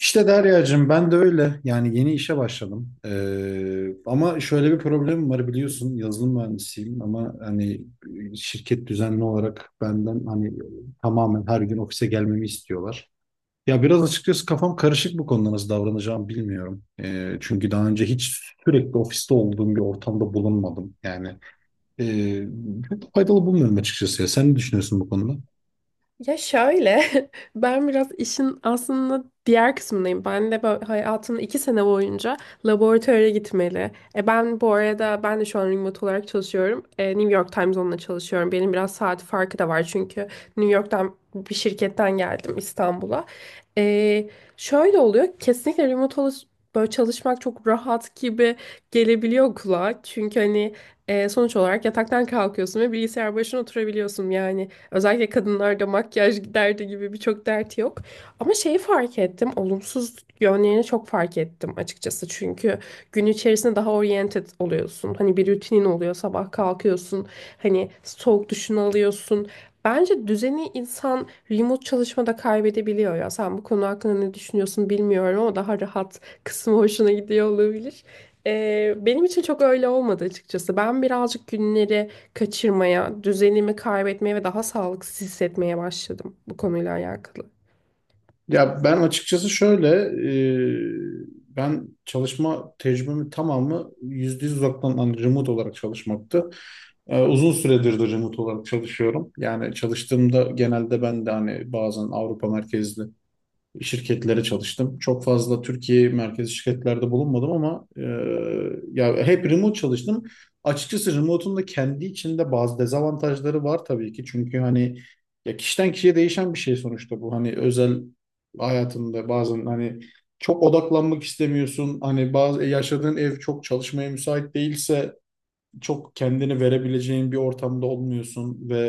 İşte Derya'cığım ben de öyle. Yani yeni işe başladım. Ama şöyle bir problemim var biliyorsun. Yazılım mühendisiyim ama hani şirket düzenli olarak benden hani tamamen her gün ofise gelmemi istiyorlar. Ya biraz açıkçası kafam karışık bu konuda nasıl davranacağımı bilmiyorum. Çünkü daha önce hiç sürekli ofiste olduğum bir ortamda bulunmadım. Yani e, çok faydalı bulmuyorum açıkçası ya. Sen ne düşünüyorsun bu konuda? Ya şöyle, ben biraz işin aslında diğer kısmındayım. Ben de böyle hayatımın 2 sene boyunca laboratuvara gitmeli. Ben bu arada ben de şu an remote olarak çalışıyorum. New York Time Zone'la çalışıyorum. Benim biraz saat farkı da var çünkü New York'tan bir şirketten geldim İstanbul'a. E, şöyle oluyor, kesinlikle böyle çalışmak çok rahat gibi gelebiliyor kulağa. Çünkü hani sonuç olarak yataktan kalkıyorsun ve bilgisayar başına oturabiliyorsun yani. Özellikle kadınlarda makyaj derdi gibi birçok dert yok. Ama şeyi fark ettim. Olumsuz yönlerini çok fark ettim açıkçası. Çünkü gün içerisinde daha oriented oluyorsun. Hani bir rutinin oluyor. Sabah kalkıyorsun. Hani soğuk duşunu alıyorsun. Bence düzeni insan remote çalışmada kaybedebiliyor ya. Sen bu konu hakkında ne düşünüyorsun bilmiyorum ama daha rahat kısmı hoşuna gidiyor olabilir. Benim için çok öyle olmadı açıkçası. Ben birazcık günleri kaçırmaya, düzenimi kaybetmeye ve daha sağlıksız hissetmeye başladım bu konuyla alakalı. Ya ben açıkçası şöyle, ben çalışma tecrübemin tamamı yüzde yüz uzaktan hani remote olarak çalışmaktı. Uzun süredir de remote olarak çalışıyorum. Yani çalıştığımda genelde ben de hani bazen Avrupa merkezli şirketlere çalıştım. Çok fazla Türkiye merkezi şirketlerde bulunmadım ama ya hep remote çalıştım. Açıkçası remote'un da kendi içinde bazı dezavantajları var tabii ki. Çünkü hani ya kişiden kişiye değişen bir şey sonuçta bu. Hani özel hayatında bazen hani çok odaklanmak istemiyorsun. Hani bazı yaşadığın ev çok çalışmaya müsait değilse çok kendini verebileceğin bir ortamda olmuyorsun ve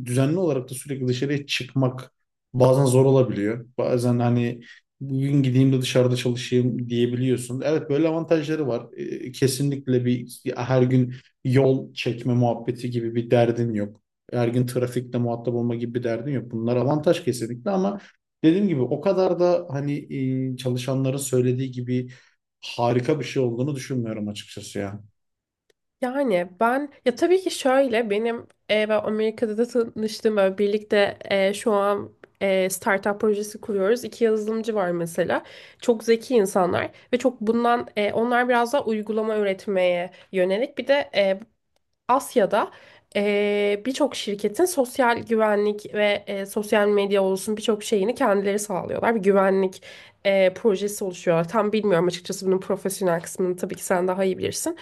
düzenli olarak da sürekli dışarıya çıkmak bazen zor olabiliyor. Bazen hani bugün gideyim de dışarıda çalışayım diyebiliyorsun. Evet böyle avantajları var. Kesinlikle bir her gün yol çekme muhabbeti gibi bir derdin yok. Her gün trafikle muhatap olma gibi bir derdin yok. Bunlar avantaj kesinlikle ama dediğim gibi o kadar da hani çalışanların söylediği gibi harika bir şey olduğunu düşünmüyorum açıkçası ya. Yani ben ya tabii ki şöyle benim ben Amerika'da da tanıştığım böyle birlikte şu an startup projesi kuruyoruz. İki yazılımcı var mesela. Çok zeki insanlar ve çok bundan onlar biraz daha uygulama üretmeye yönelik bir de Asya'da birçok şirketin sosyal güvenlik ve sosyal medya olsun birçok şeyini kendileri sağlıyorlar. Bir güvenlik projesi oluşuyorlar. Tam bilmiyorum açıkçası bunun profesyonel kısmını tabii ki sen daha iyi bilirsin.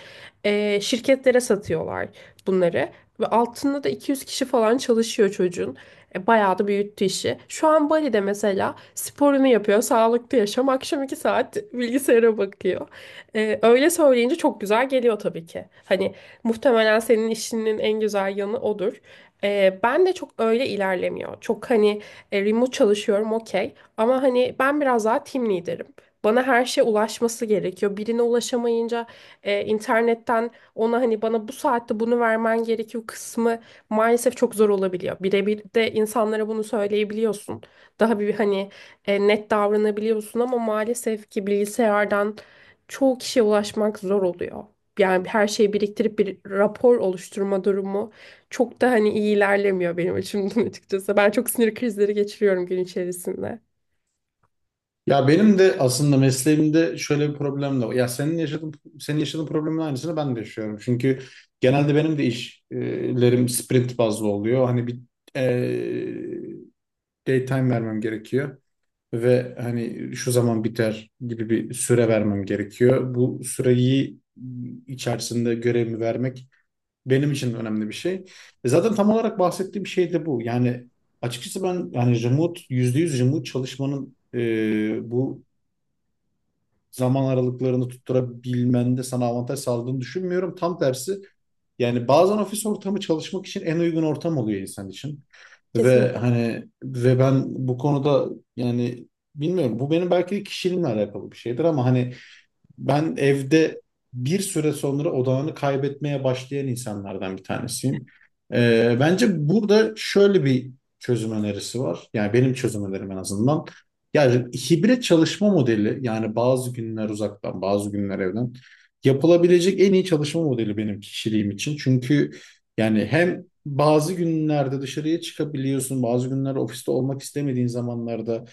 Şirketlere satıyorlar bunları ve altında da 200 kişi falan çalışıyor çocuğun. Bayağı da büyüttü işi. Şu an Bali'de mesela sporunu yapıyor, sağlıklı yaşam. Akşam 2 saat bilgisayara bakıyor. Öyle söyleyince çok güzel geliyor tabii ki. Hani muhtemelen senin işinin en güzel yanı odur. Ben de çok öyle ilerlemiyor. Çok hani remote çalışıyorum okey. Ama hani ben biraz daha team leader'ım. Bana her şey ulaşması gerekiyor. Birine ulaşamayınca internetten ona hani bana bu saatte bunu vermen gerekiyor kısmı maalesef çok zor olabiliyor. Birebir de insanlara bunu söyleyebiliyorsun. Daha bir hani net davranabiliyorsun ama maalesef ki bilgisayardan çoğu kişiye ulaşmak zor oluyor yani her şeyi biriktirip bir rapor oluşturma durumu çok da hani iyi ilerlemiyor benim açımdan açıkçası. Ben çok sinir krizleri geçiriyorum gün içerisinde. Ya benim de aslında mesleğimde şöyle bir problem de var. Ya senin yaşadığın problemin aynısını ben de yaşıyorum. Çünkü genelde benim de işlerim sprint bazlı oluyor. Hani bir e, daytime vermem gerekiyor ve hani şu zaman biter gibi bir süre vermem gerekiyor. Bu süreyi içerisinde görevimi vermek benim için önemli bir şey. Zaten tam olarak bahsettiğim şey de bu. Yani açıkçası ben yani remote %100 remote çalışmanın bu zaman aralıklarını tutturabilmende sana avantaj sağladığını düşünmüyorum. Tam tersi yani bazen ofis ortamı çalışmak için en uygun ortam oluyor insan için. Ve Kesinlikle. hani ben bu konuda yani bilmiyorum bu benim belki de kişiliğimle alakalı bir şeydir ama hani ben evde bir süre sonra odağını kaybetmeye başlayan insanlardan bir tanesiyim. Bence burada şöyle bir çözüm önerisi var. Yani benim çözüm önerim en azından. Yani hibrit çalışma modeli yani bazı günler uzaktan bazı günler evden yapılabilecek en iyi çalışma modeli benim kişiliğim için. Çünkü yani hem bazı günlerde dışarıya çıkabiliyorsun bazı günler ofiste olmak istemediğin zamanlarda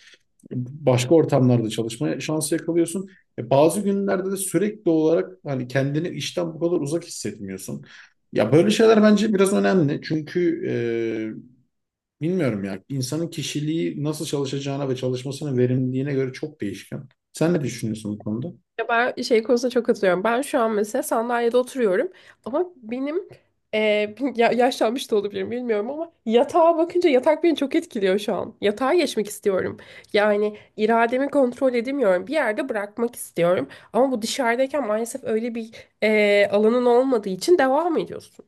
başka ortamlarda çalışmaya şansı yakalıyorsun. Bazı günlerde de sürekli olarak hani kendini işten bu kadar uzak hissetmiyorsun. Ya böyle şeyler bence biraz önemli. Çünkü bilmiyorum ya insanın kişiliği nasıl çalışacağına ve çalışmasının verimliliğine göre çok değişken. Sen ne düşünüyorsun bu konuda? Ya ben şey konusunda çok katılıyorum. Ben şu an mesela sandalyede oturuyorum ama benim e, yaşlanmış da olabilirim bilmiyorum ama yatağa bakınca yatak beni çok etkiliyor şu an. Yatağa geçmek istiyorum. Yani irademi kontrol edemiyorum. Bir yerde bırakmak istiyorum ama bu dışarıdayken maalesef öyle bir alanın olmadığı için devam ediyorsun.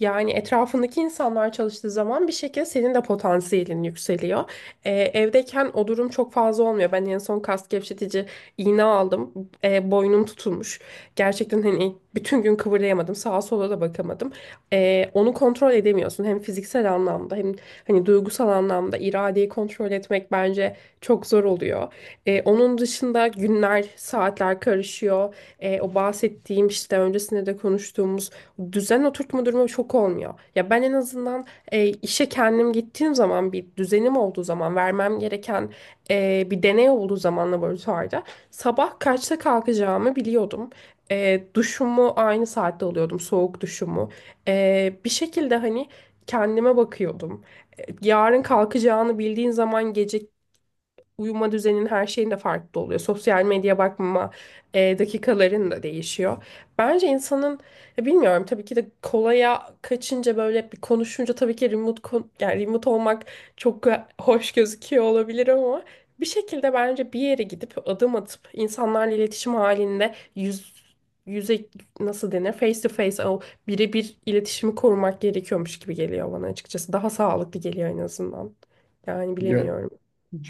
Yani etrafındaki insanlar çalıştığı zaman bir şekilde senin de potansiyelin yükseliyor. Evdeyken o durum çok fazla olmuyor. Ben en son kas gevşetici iğne aldım. Boynum tutulmuş. Gerçekten hani bütün gün kıvırlayamadım. Sağa sola da bakamadım. Onu kontrol edemiyorsun. Hem fiziksel anlamda hem hani duygusal anlamda iradeyi kontrol etmek bence çok zor oluyor. Onun dışında günler, saatler karışıyor. O bahsettiğim işte öncesinde de konuştuğumuz düzen oturtma durumu çok olmuyor. Ya ben en azından işe kendim gittiğim zaman bir düzenim olduğu zaman vermem gereken bir deney olduğu zaman laboratuvarda sabah kaçta kalkacağımı biliyordum. Duşumu aynı saatte alıyordum soğuk duşumu. Bir şekilde hani kendime bakıyordum. Yarın kalkacağını bildiğin zaman gece uyuma düzenin her şeyin de farklı oluyor. Sosyal medya bakma dakikaların da değişiyor. Bence insanın ya bilmiyorum tabii ki de kolaya kaçınca böyle bir konuşunca tabii ki yani remote olmak çok hoş gözüküyor olabilir ama bir şekilde bence bir yere gidip adım atıp insanlarla iletişim halinde yüz yüze nasıl denir face to face o birebir iletişimi korumak gerekiyormuş gibi geliyor bana açıkçası. Daha sağlıklı geliyor en azından. Yani Ya bilemiyorum.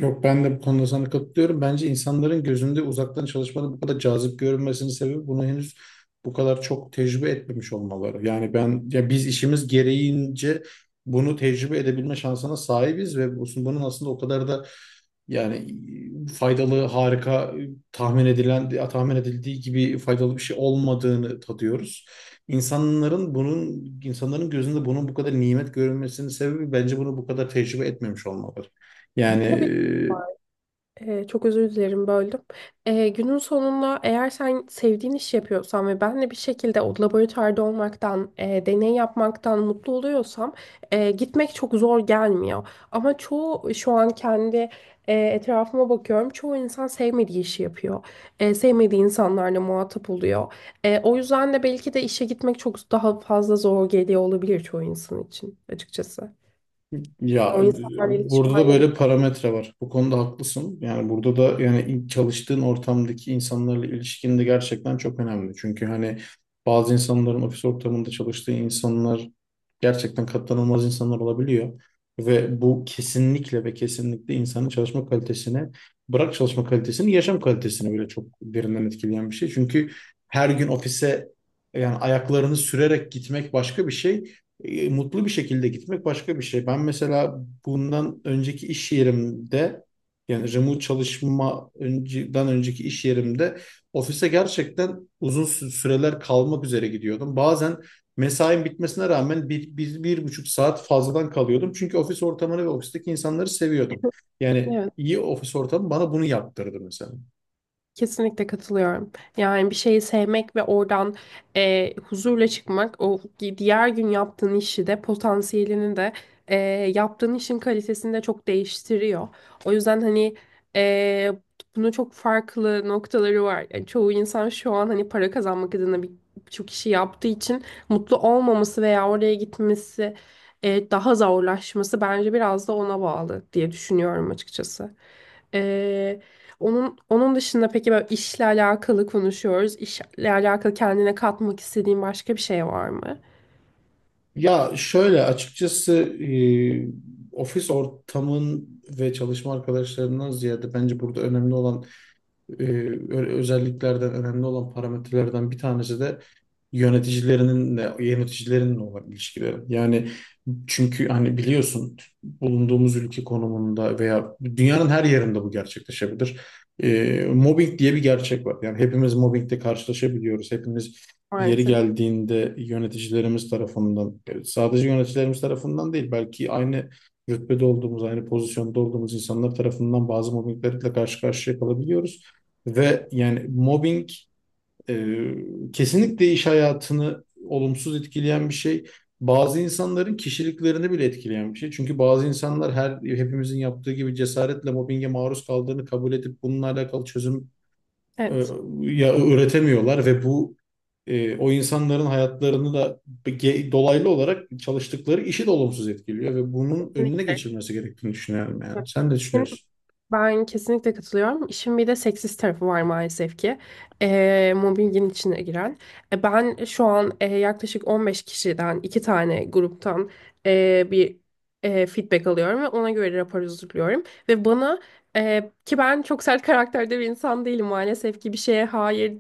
yok, ben de bu konuda sana katılıyorum. Bence insanların gözünde uzaktan çalışmanın bu kadar cazip görünmesinin sebebi bunu henüz bu kadar çok tecrübe etmemiş olmaları. Yani ben ya biz işimiz gereğince bunu tecrübe edebilme şansına sahibiz ve bunun aslında o kadar da yani faydalı, harika, tahmin edildiği gibi faydalı bir şey olmadığını tadıyoruz. İnsanların gözünde bunun bu kadar nimet görülmesinin sebebi bence bunu bu kadar tecrübe etmemiş olmaları. Yani Çok özür dilerim böldüm. Günün sonunda eğer sen sevdiğin iş yapıyorsan ve ben de bir şekilde o laboratuvarda olmaktan, deney yapmaktan mutlu oluyorsam gitmek çok zor gelmiyor. Ama çoğu şu an kendi etrafıma bakıyorum. Çoğu insan sevmediği işi yapıyor. Sevmediği insanlarla muhatap oluyor. O yüzden de belki de işe gitmek çok daha fazla zor geliyor olabilir çoğu insan için açıkçası. ya O insanlarla iletişim burada da halinde. böyle parametre var. Bu konuda haklısın. Yani burada da yani ilk çalıştığın ortamdaki insanlarla ilişkin de gerçekten çok önemli. Çünkü hani bazı insanların ofis ortamında çalıştığı insanlar gerçekten katlanılmaz insanlar olabiliyor. Ve bu kesinlikle ve kesinlikle insanın çalışma kalitesini, bırak çalışma kalitesini, yaşam kalitesini bile çok derinden etkileyen bir şey. Çünkü her gün ofise yani ayaklarını sürerek gitmek başka bir şey, mutlu bir şekilde gitmek başka bir şey. Ben mesela bundan önceki iş yerimde yani remote çalışma önceden önceki iş yerimde ofise gerçekten uzun süreler kalmak üzere gidiyordum. Bazen mesain bitmesine rağmen bir, bir buçuk saat fazladan kalıyordum. Çünkü ofis ortamını ve ofisteki insanları seviyordum. Yani iyi ofis ortamı bana bunu yaptırdı mesela. Kesinlikle katılıyorum. Yani bir şeyi sevmek ve oradan huzurla çıkmak, diğer gün yaptığın işi de potansiyelini de e, yaptığın işin kalitesini de çok değiştiriyor. O yüzden hani e, bunun çok farklı noktaları var. Yani çoğu insan şu an hani para kazanmak adına birçok işi yaptığı için mutlu olmaması veya oraya gitmesi daha zorlaşması bence biraz da ona bağlı diye düşünüyorum açıkçası. Onun dışında peki böyle işle alakalı konuşuyoruz. İşle alakalı kendine katmak istediğin başka bir şey var mı? Ya şöyle açıkçası ofis ortamın ve çalışma arkadaşlarından ziyade bence burada önemli olan e, özelliklerden önemli olan parametrelerden bir tanesi de yöneticilerinin de yöneticilerinle olan ilişkileri. Yani çünkü hani biliyorsun bulunduğumuz ülke konumunda veya dünyanın her yerinde bu gerçekleşebilir. Mobbing diye bir gerçek var. Yani hepimiz mobbingle karşılaşabiliyoruz. Hepimiz yeri Maalesef. geldiğinde yöneticilerimiz tarafından, sadece yöneticilerimiz tarafından değil, belki aynı rütbede olduğumuz, aynı pozisyonda olduğumuz insanlar tarafından bazı mobbinglerle karşı karşıya kalabiliyoruz. Ve yani mobbing e, kesinlikle iş hayatını olumsuz etkileyen bir şey. Bazı insanların kişiliklerini bile etkileyen bir şey. Çünkü bazı insanlar hepimizin yaptığı gibi cesaretle mobbinge maruz kaldığını kabul edip bununla alakalı çözüm e, Evet. ya üretemiyorlar ve o insanların hayatlarını da dolaylı olarak çalıştıkları işi de olumsuz etkiliyor ve bunun önüne Kesinlikle. geçilmesi gerektiğini düşünüyorum yani. Sen de düşünüyorsun. Ben kesinlikle katılıyorum. İşin bir de seksist tarafı var maalesef ki. Mobbingin içine giren. Ben şu an yaklaşık 15 kişiden iki tane gruptan bir feedback alıyorum ve ona göre rapor hazırlıyorum. Ve bana ki ben çok sert karakterde bir insan değilim maalesef ki bir şeye hayır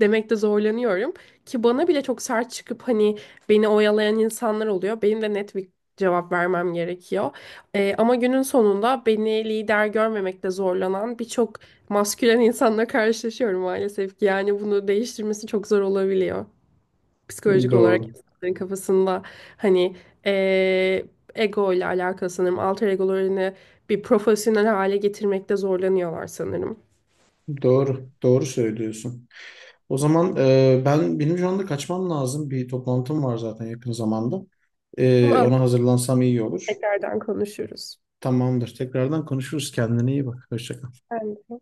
demekte zorlanıyorum. Ki bana bile çok sert çıkıp hani beni oyalayan insanlar oluyor. Benim de net bir cevap vermem gerekiyor. Ama günün sonunda beni lider görmemekte zorlanan birçok maskülen insanla karşılaşıyorum maalesef ki. Yani bunu değiştirmesi çok zor olabiliyor. Psikolojik olarak Doğru. insanların kafasında hani ee, ego ile alakalı sanırım. Alter egolarını bir profesyonel hale getirmekte zorlanıyorlar sanırım. Doğru. Doğru söylüyorsun. O zaman benim şu anda kaçmam lazım. Bir toplantım var zaten yakın zamanda. Ama Ona hazırlansam iyi olur. tekrardan konuşuruz. Tamamdır. Tekrardan konuşuruz. Kendine iyi bak. Hoşça kal. Ben